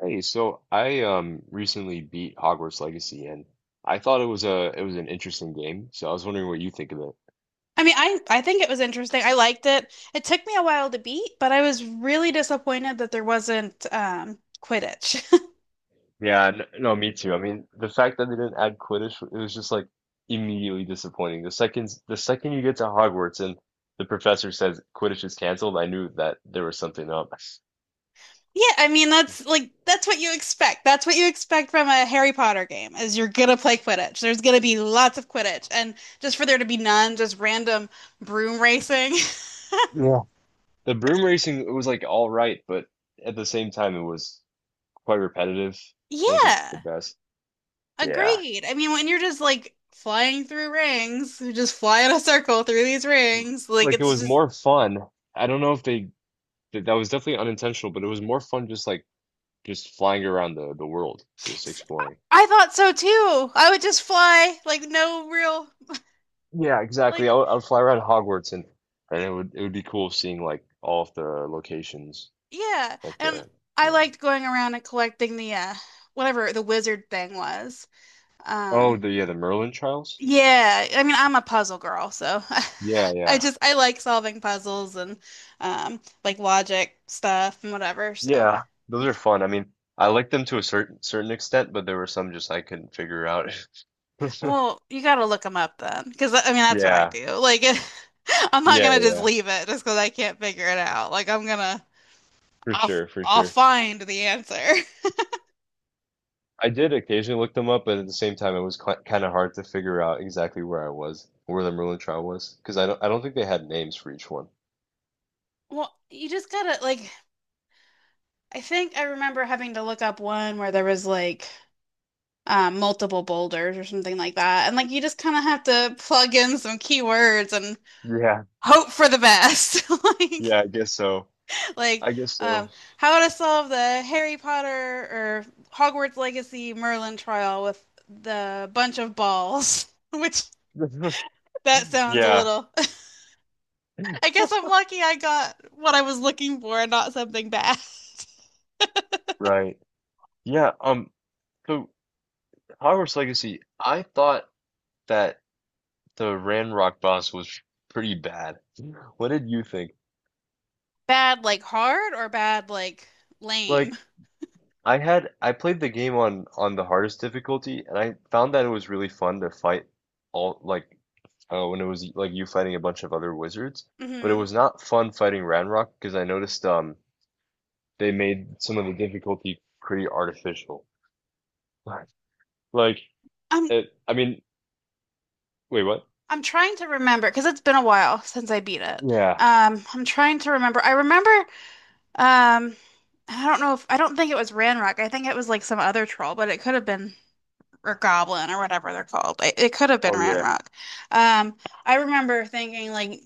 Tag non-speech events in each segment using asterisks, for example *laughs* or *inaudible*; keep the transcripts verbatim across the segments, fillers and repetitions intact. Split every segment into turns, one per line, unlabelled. Hey, so I um recently beat Hogwarts Legacy and I thought it was a it was an interesting game. So I was wondering what you think of it.
I mean, I I think it was interesting. I liked it. It took me a while to beat, but I was really disappointed that there wasn't um Quidditch. *laughs*
Yeah, n- no, me too. I mean, the fact that they didn't add Quidditch, it was just like immediately disappointing. The second the second you get to Hogwarts and the professor says Quidditch is canceled, I knew that there was something up.
Yeah, I mean that's like that's what you expect. That's what you expect from a Harry Potter game is you're gonna play Quidditch. There's gonna be lots of Quidditch, and just for there to be none, just random broom racing. *laughs*
Yeah. The broom racing, it was like all right, but at the same time, it was quite repetitive. Wasn't the
Yeah,
best. Yeah.
agreed. I mean, when you're just like flying through rings, you just fly in a circle through these rings, like
Like it
it's
was
just
more fun. I don't know if they Th- That was definitely unintentional, but it was more fun just like just flying around the the world, just exploring.
I thought so too. I would just fly, like no real,
Yeah, exactly.
like
I would, I would fly around Hogwarts and and it would it would be cool seeing like all of the locations,
yeah.
like
And
the
I
yeah.
liked going around and collecting the uh whatever the wizard thing was.
Oh,
Um
the yeah, the Merlin trials?
yeah, I mean I'm a puzzle girl, so. *laughs*
Yeah,
I
yeah.
just I like solving puzzles and um like logic stuff and whatever. So,
Yeah, those are fun. I mean, I liked them to a certain certain extent, but there were some just I couldn't figure out. *laughs*
well, you got to look them up then, because I mean that's what I
Yeah,
do. Like, *laughs* I'm not
yeah,
gonna just
yeah,
leave it just because I can't figure it out. Like I'm gonna
for
I'll
sure, for
I'll
sure.
find the answer. *laughs*
I did occasionally look them up, but at the same time, it was kind of hard to figure out exactly where I was, where the Merlin trial was, because I don't, I don't think they had names for each one.
Well, you just gotta, like, I think I remember having to look up one where there was like, um, multiple boulders or something like that, and like you just kind of have to plug in some keywords and
Yeah,
hope for the best. *laughs* like
yeah, I guess so.
like
I guess so.
um, how to solve the Harry Potter or Hogwarts Legacy Merlin trial with the bunch of balls, *laughs* which
*laughs*
that sounds a
Yeah,
little. *laughs* I guess I'm
*laughs*
lucky I got what I was looking for, and not something bad. *laughs*
right. Yeah, um, so Hogwarts Legacy, I thought that the Ranrock boss was pretty bad. What did you think?
Bad like hard or bad like lame?
Like, I had I played the game on on the hardest difficulty, and I found that it was really fun to fight all like uh, when it was like you fighting a bunch of other wizards. But it
Hmm.
was not fun fighting Ranrock because I noticed um they made some of the difficulty pretty artificial. *laughs* Like
I'm
it, I mean, wait, what?
I'm trying to remember because it's been a while since I beat it.
Yeah.
Um, I'm trying to remember. I remember, um I don't know if I don't think it was Ranrock. I think it was like some other troll, but it could have been, or Goblin or whatever they're called. It, it could have been
Oh yeah.
Ranrock. Um, I remember thinking, like,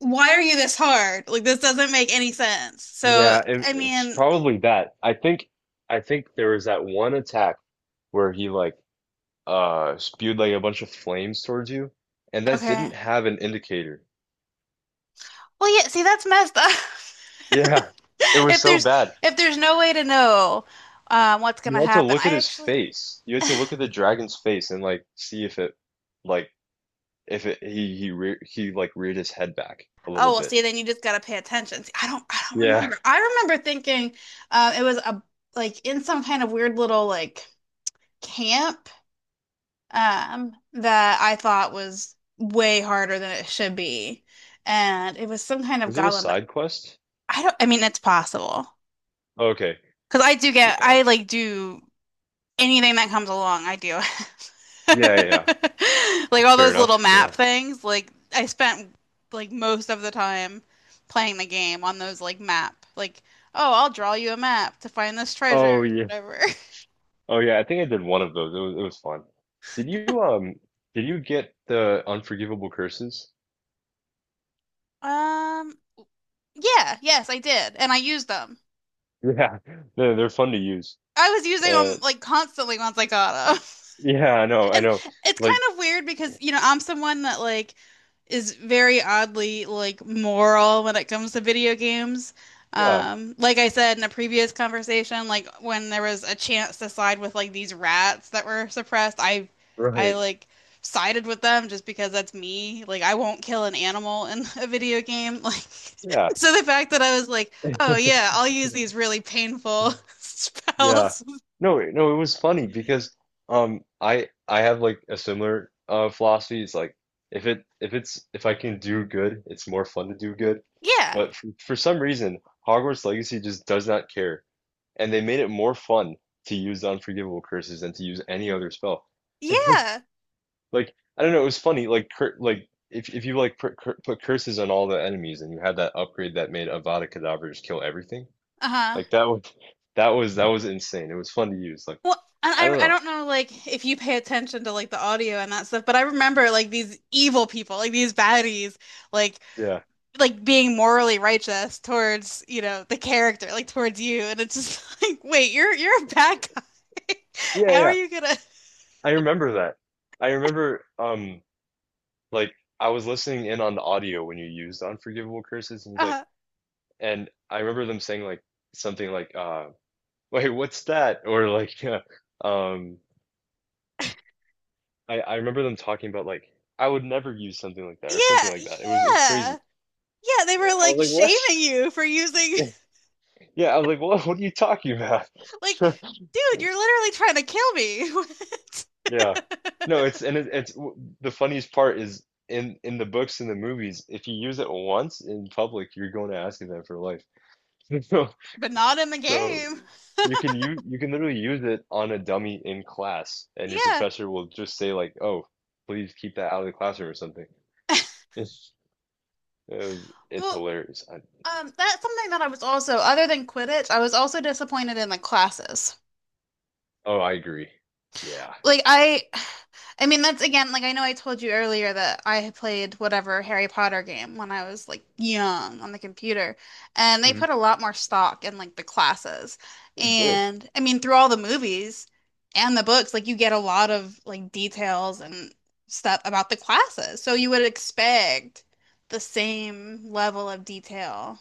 why are you this hard? Like this doesn't make any sense. So
Yeah, it,
I
it's
mean,
probably that. I think I think there was that one attack where he like uh spewed like a bunch of flames towards you, and that
okay.
didn't have an indicator.
Well, yeah, see, that's messed up. *laughs*
Yeah. It was
If
so
there's
bad.
if there's no way to know, uh, what's
You
gonna
had to
happen,
look at
I
his
actually
face. You had to look at the dragon's face and like see if it like if it he he re he like reared his head back a
oh
little
well,
bit.
see, then you just gotta pay attention. See, I don't I don't
Yeah.
remember. I remember thinking, uh, it was a, like, in some kind of weird little, like, camp, um, that I thought was way harder than it should be, and it was some kind of
Was it a
goblin. But
side quest?
I don't. I mean, it's possible
Okay.
because I do get
Yeah.
I like do anything that comes along. I do. *laughs*
Yeah, yeah, yeah.
*laughs* Like all
Fair
those little
enough.
map
Yeah.
things, like I spent like most of the time playing the game on those, like, map. Like, oh, I'll draw you a map to find this treasure,
Oh yeah.
whatever. *laughs*
Oh yeah, I think I did one of those. It was it was fun. Did you um did you get the unforgivable curses? *laughs*
Um, yeah, yes, I did, and I used them.
Yeah. They're they're fun to use.
I was using
Uh
them, like, constantly once I got them.
yeah, I know, I
And
know.
it's
Like
kind of weird because, you know, I'm someone that, like, is very oddly, like, moral when it comes to video games.
yeah,
Um, like I said in a previous conversation, like when there was a chance to side with like these rats that were suppressed, I I
right.
like sided with them just because that's me. Like I won't kill an animal in *laughs* a video game. *laughs* Like,
Yeah.
so the fact that I was like, "Oh yeah, I'll
*laughs*
use these really painful *laughs*
Yeah.
spells."
No, it- no, it was funny because um I I have like a similar uh philosophy. It's like if it if it's if I can do good, it's more fun to do good.
Yeah.
But for, for some reason, Hogwarts Legacy just does not care. And they made it more fun to use unforgivable curses than to use any other spell. *laughs*
Yeah.
Like I don't know, it was funny. Like cur like if if you like put, cur put curses on all the enemies and you had that upgrade that made Avada Kedavra just kill everything,
Uh-huh.
like that would that was that was insane. It was fun to use. Like
Well, and
I don't
I I
know.
don't know, like, if you pay attention to like the audio and that stuff, but I remember like these evil people, like these baddies, like
Yeah.
like being morally righteous towards, you know, the character, like towards you, and it's just *laughs* like, wait, you're you're a bad guy. *laughs*
Yeah,
How are
yeah.
you gonna,
I remember that. I remember um like I was listening in on the audio when you used Unforgivable Curses and he's like
uh
and I remember them saying like something like uh *laughs* wait, what's that? Or like *laughs* um I I remember them talking about like I would never use something like that or something
yeah,
like that. It was it was
yeah.
crazy.
Yeah, they were
I was
like
like, "What?"
shaming you for using.
*laughs* Yeah, I was like, "What what are you talking about?"
*laughs* Like, dude, you're
*laughs*
literally trying to kill me. *laughs*
Yeah. No, it's and it, it's w- the funniest part is in in the books and the movies, if you use it once in public, you're going to ask them for life. *laughs* So,
But not in the
so
game.
you can you you can literally use it on a dummy in class, and your
Yeah.
professor will just say like, "Oh, please keep that out of the classroom" or something. It's uh, it's
Well,
hilarious. I,
Um, that's something that I was also, other than Quidditch, I was also disappointed in, like, classes.
oh, I agree. Yeah.
Like, I, I mean that's again, like, I know I told you earlier that I had played whatever Harry Potter game when I was like young on the computer, and they
Mhm.
put a lot more stock in, like, the classes,
It did.
and I mean through all the movies and the books, like you get a lot of like details and stuff about the classes, so you would expect the same level of detail.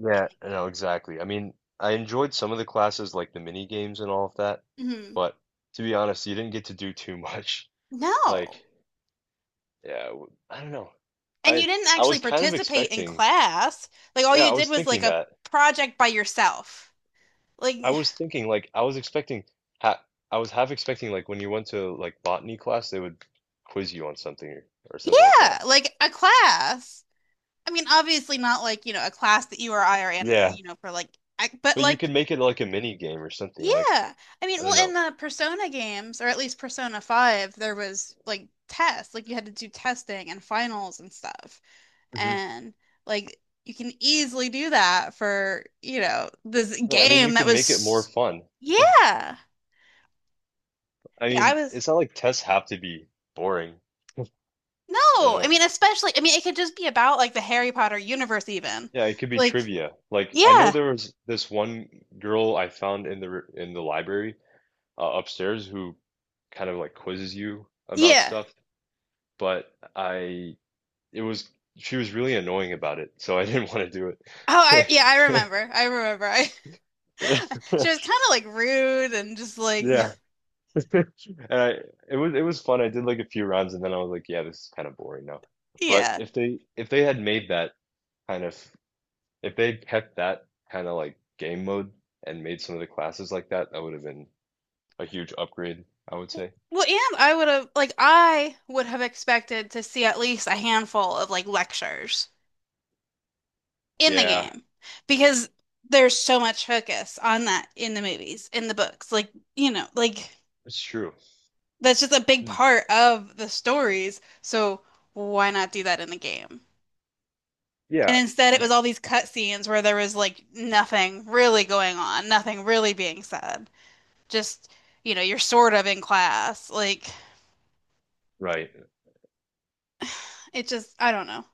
Yeah, no, exactly. I mean, I enjoyed some of the classes, like the mini games and all of that,
Hmm.
but to be honest, you didn't get to do too much. *laughs* Like,
No.
yeah, w- I don't know.
And you
I
didn't
I
actually
was kind of
participate in
expecting,
class. Like all
yeah,
you
I
did
was
was like
thinking
a
that.
project by yourself. Like,
I was thinking like I was expecting ha I was half expecting like when you went to like botany class, they would quiz you on something or, or something like
yeah,
that.
like a class. I mean, obviously not like, you know, a class that you or I are in,
Yeah,
you know, for like, ac- but
but you
like,
could make it like a mini game or something like
yeah. I mean,
I don't
well, in
know.
the Persona games or at least Persona five, there was like tests. Like you had to do testing and finals and stuff.
Hmm
And like you can easily do that for, you know, this
Yeah, I mean, you
game that
could make it more
was
fun. *laughs*
Yeah.
I
Yeah, I
mean,
was
it's not like tests have to be boring. I don't
no, I
know.
mean especially, I mean, it could just be about like the Harry Potter universe even.
Yeah, it could be
Like,
trivia. Like I know
yeah.
there was this one girl I found in the r- in the library uh, upstairs who kind of like quizzes you about
Yeah.
stuff, but I it was she was really annoying about it, so I *laughs* didn't want to do
Oh, I yeah, I
it. *laughs*
remember. I remember. I *laughs* she was kind of like rude and just like,
Yeah. *laughs* And I it was it was fun. I did like a few rounds and then I was like, yeah, this is kind of boring now.
*laughs*
But
yeah.
if they if they had made that kind of If they kept that kind of like game mode and made some of the classes like that, that would have been a huge upgrade, I would say.
Well, and I would have like I would have expected to see at least a handful of like lectures in the
Yeah,
game because there's so much focus on that in the movies, in the books. Like, you know, like
it's true.
that's just a big
Hmm.
part of the stories. So why not do that in the game? And
Yeah,
instead, it
*laughs*
was all these cutscenes where there was like nothing really going on, nothing really being said. Just, you know, you're sort of in class. Like
right.
it just, I don't know.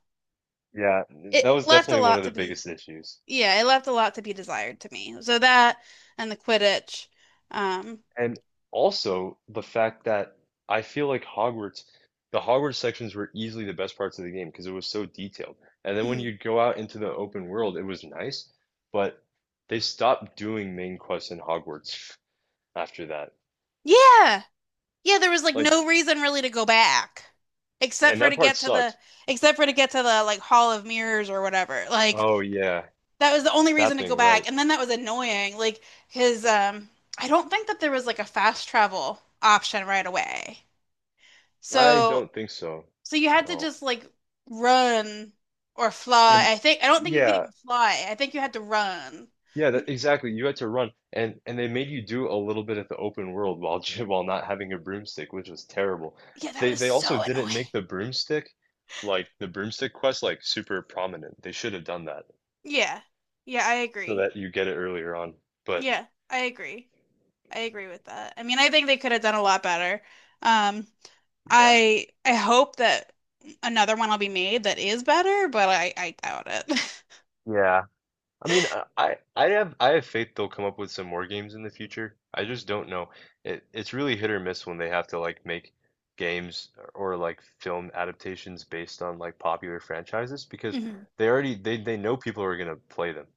Yeah, that
It
was
left a
definitely one
lot
of
to
the
be,
biggest issues.
yeah, it left a lot to be desired to me. So that, and the Quidditch. Um,
And also the fact that I feel like Hogwarts, the Hogwarts sections were easily the best parts of the game because it was so detailed. And then when you'd
*clears throat*
go out into the open world, it was nice, but they stopped doing main quests in Hogwarts *laughs* after that.
yeah. Yeah, there was like
Like
no reason really to go back except
And
for
that
to
part
get to the
sucked.
except for to get to the like Hall of Mirrors or whatever. Like
Oh yeah,
that was the only reason
that
to go
thing,
back.
right?
And then that was annoying. Like, his um I don't think that there was like a fast travel option right away.
I
So
don't think so.
so you had to
No.
just, like, run or fly.
And
I think I don't think you could
yeah,
even fly. I think you had to run.
yeah, that, exactly. You had to run, and and they made you do a little bit of the open world while *laughs* j- while not having a broomstick, which was terrible.
Yeah, that
They
was
they also
so
didn't
annoying.
make the broomstick, like the broomstick quest, like super prominent. They should have done that
Yeah. Yeah, I
so
agree.
that you get it earlier on. But
Yeah, I agree. I agree with that. I mean, I think they could have done a lot better. Um,
yeah.
I I hope that another one will be made that is better, but I I doubt it.
Yeah. I mean, I
*laughs*
I I have I have faith they'll come up with some more games in the future. I just don't know. It it's really hit or miss when they have to like make games or like film adaptations based on like popular franchises because
Mhm.
they already they they know people are gonna play them.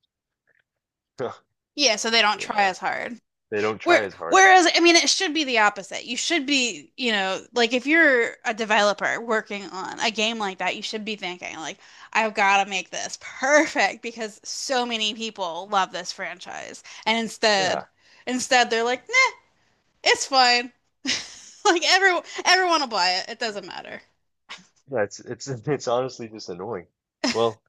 *laughs*
Yeah, so they don't try
Yeah,
as hard.
they don't try
Where,
as hard.
whereas, I mean, it should be the opposite. You should be, you know, like if you're a developer working on a game like that, you should be thinking, like, I've got to make this perfect because so many people love this franchise. And instead,
Yeah,
instead they're like, nah, it's fine. *laughs* Like every everyone will buy it. It doesn't matter.
yeah. It's it's *laughs* it's honestly just annoying. Well,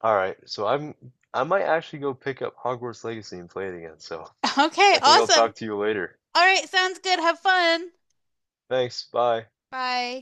all right. So I'm I might actually go pick up Hogwarts Legacy and play it again. So
*laughs* Okay,
I think I'll
awesome.
talk to you later.
All right, sounds good. Have fun.
Thanks. Bye.
Bye.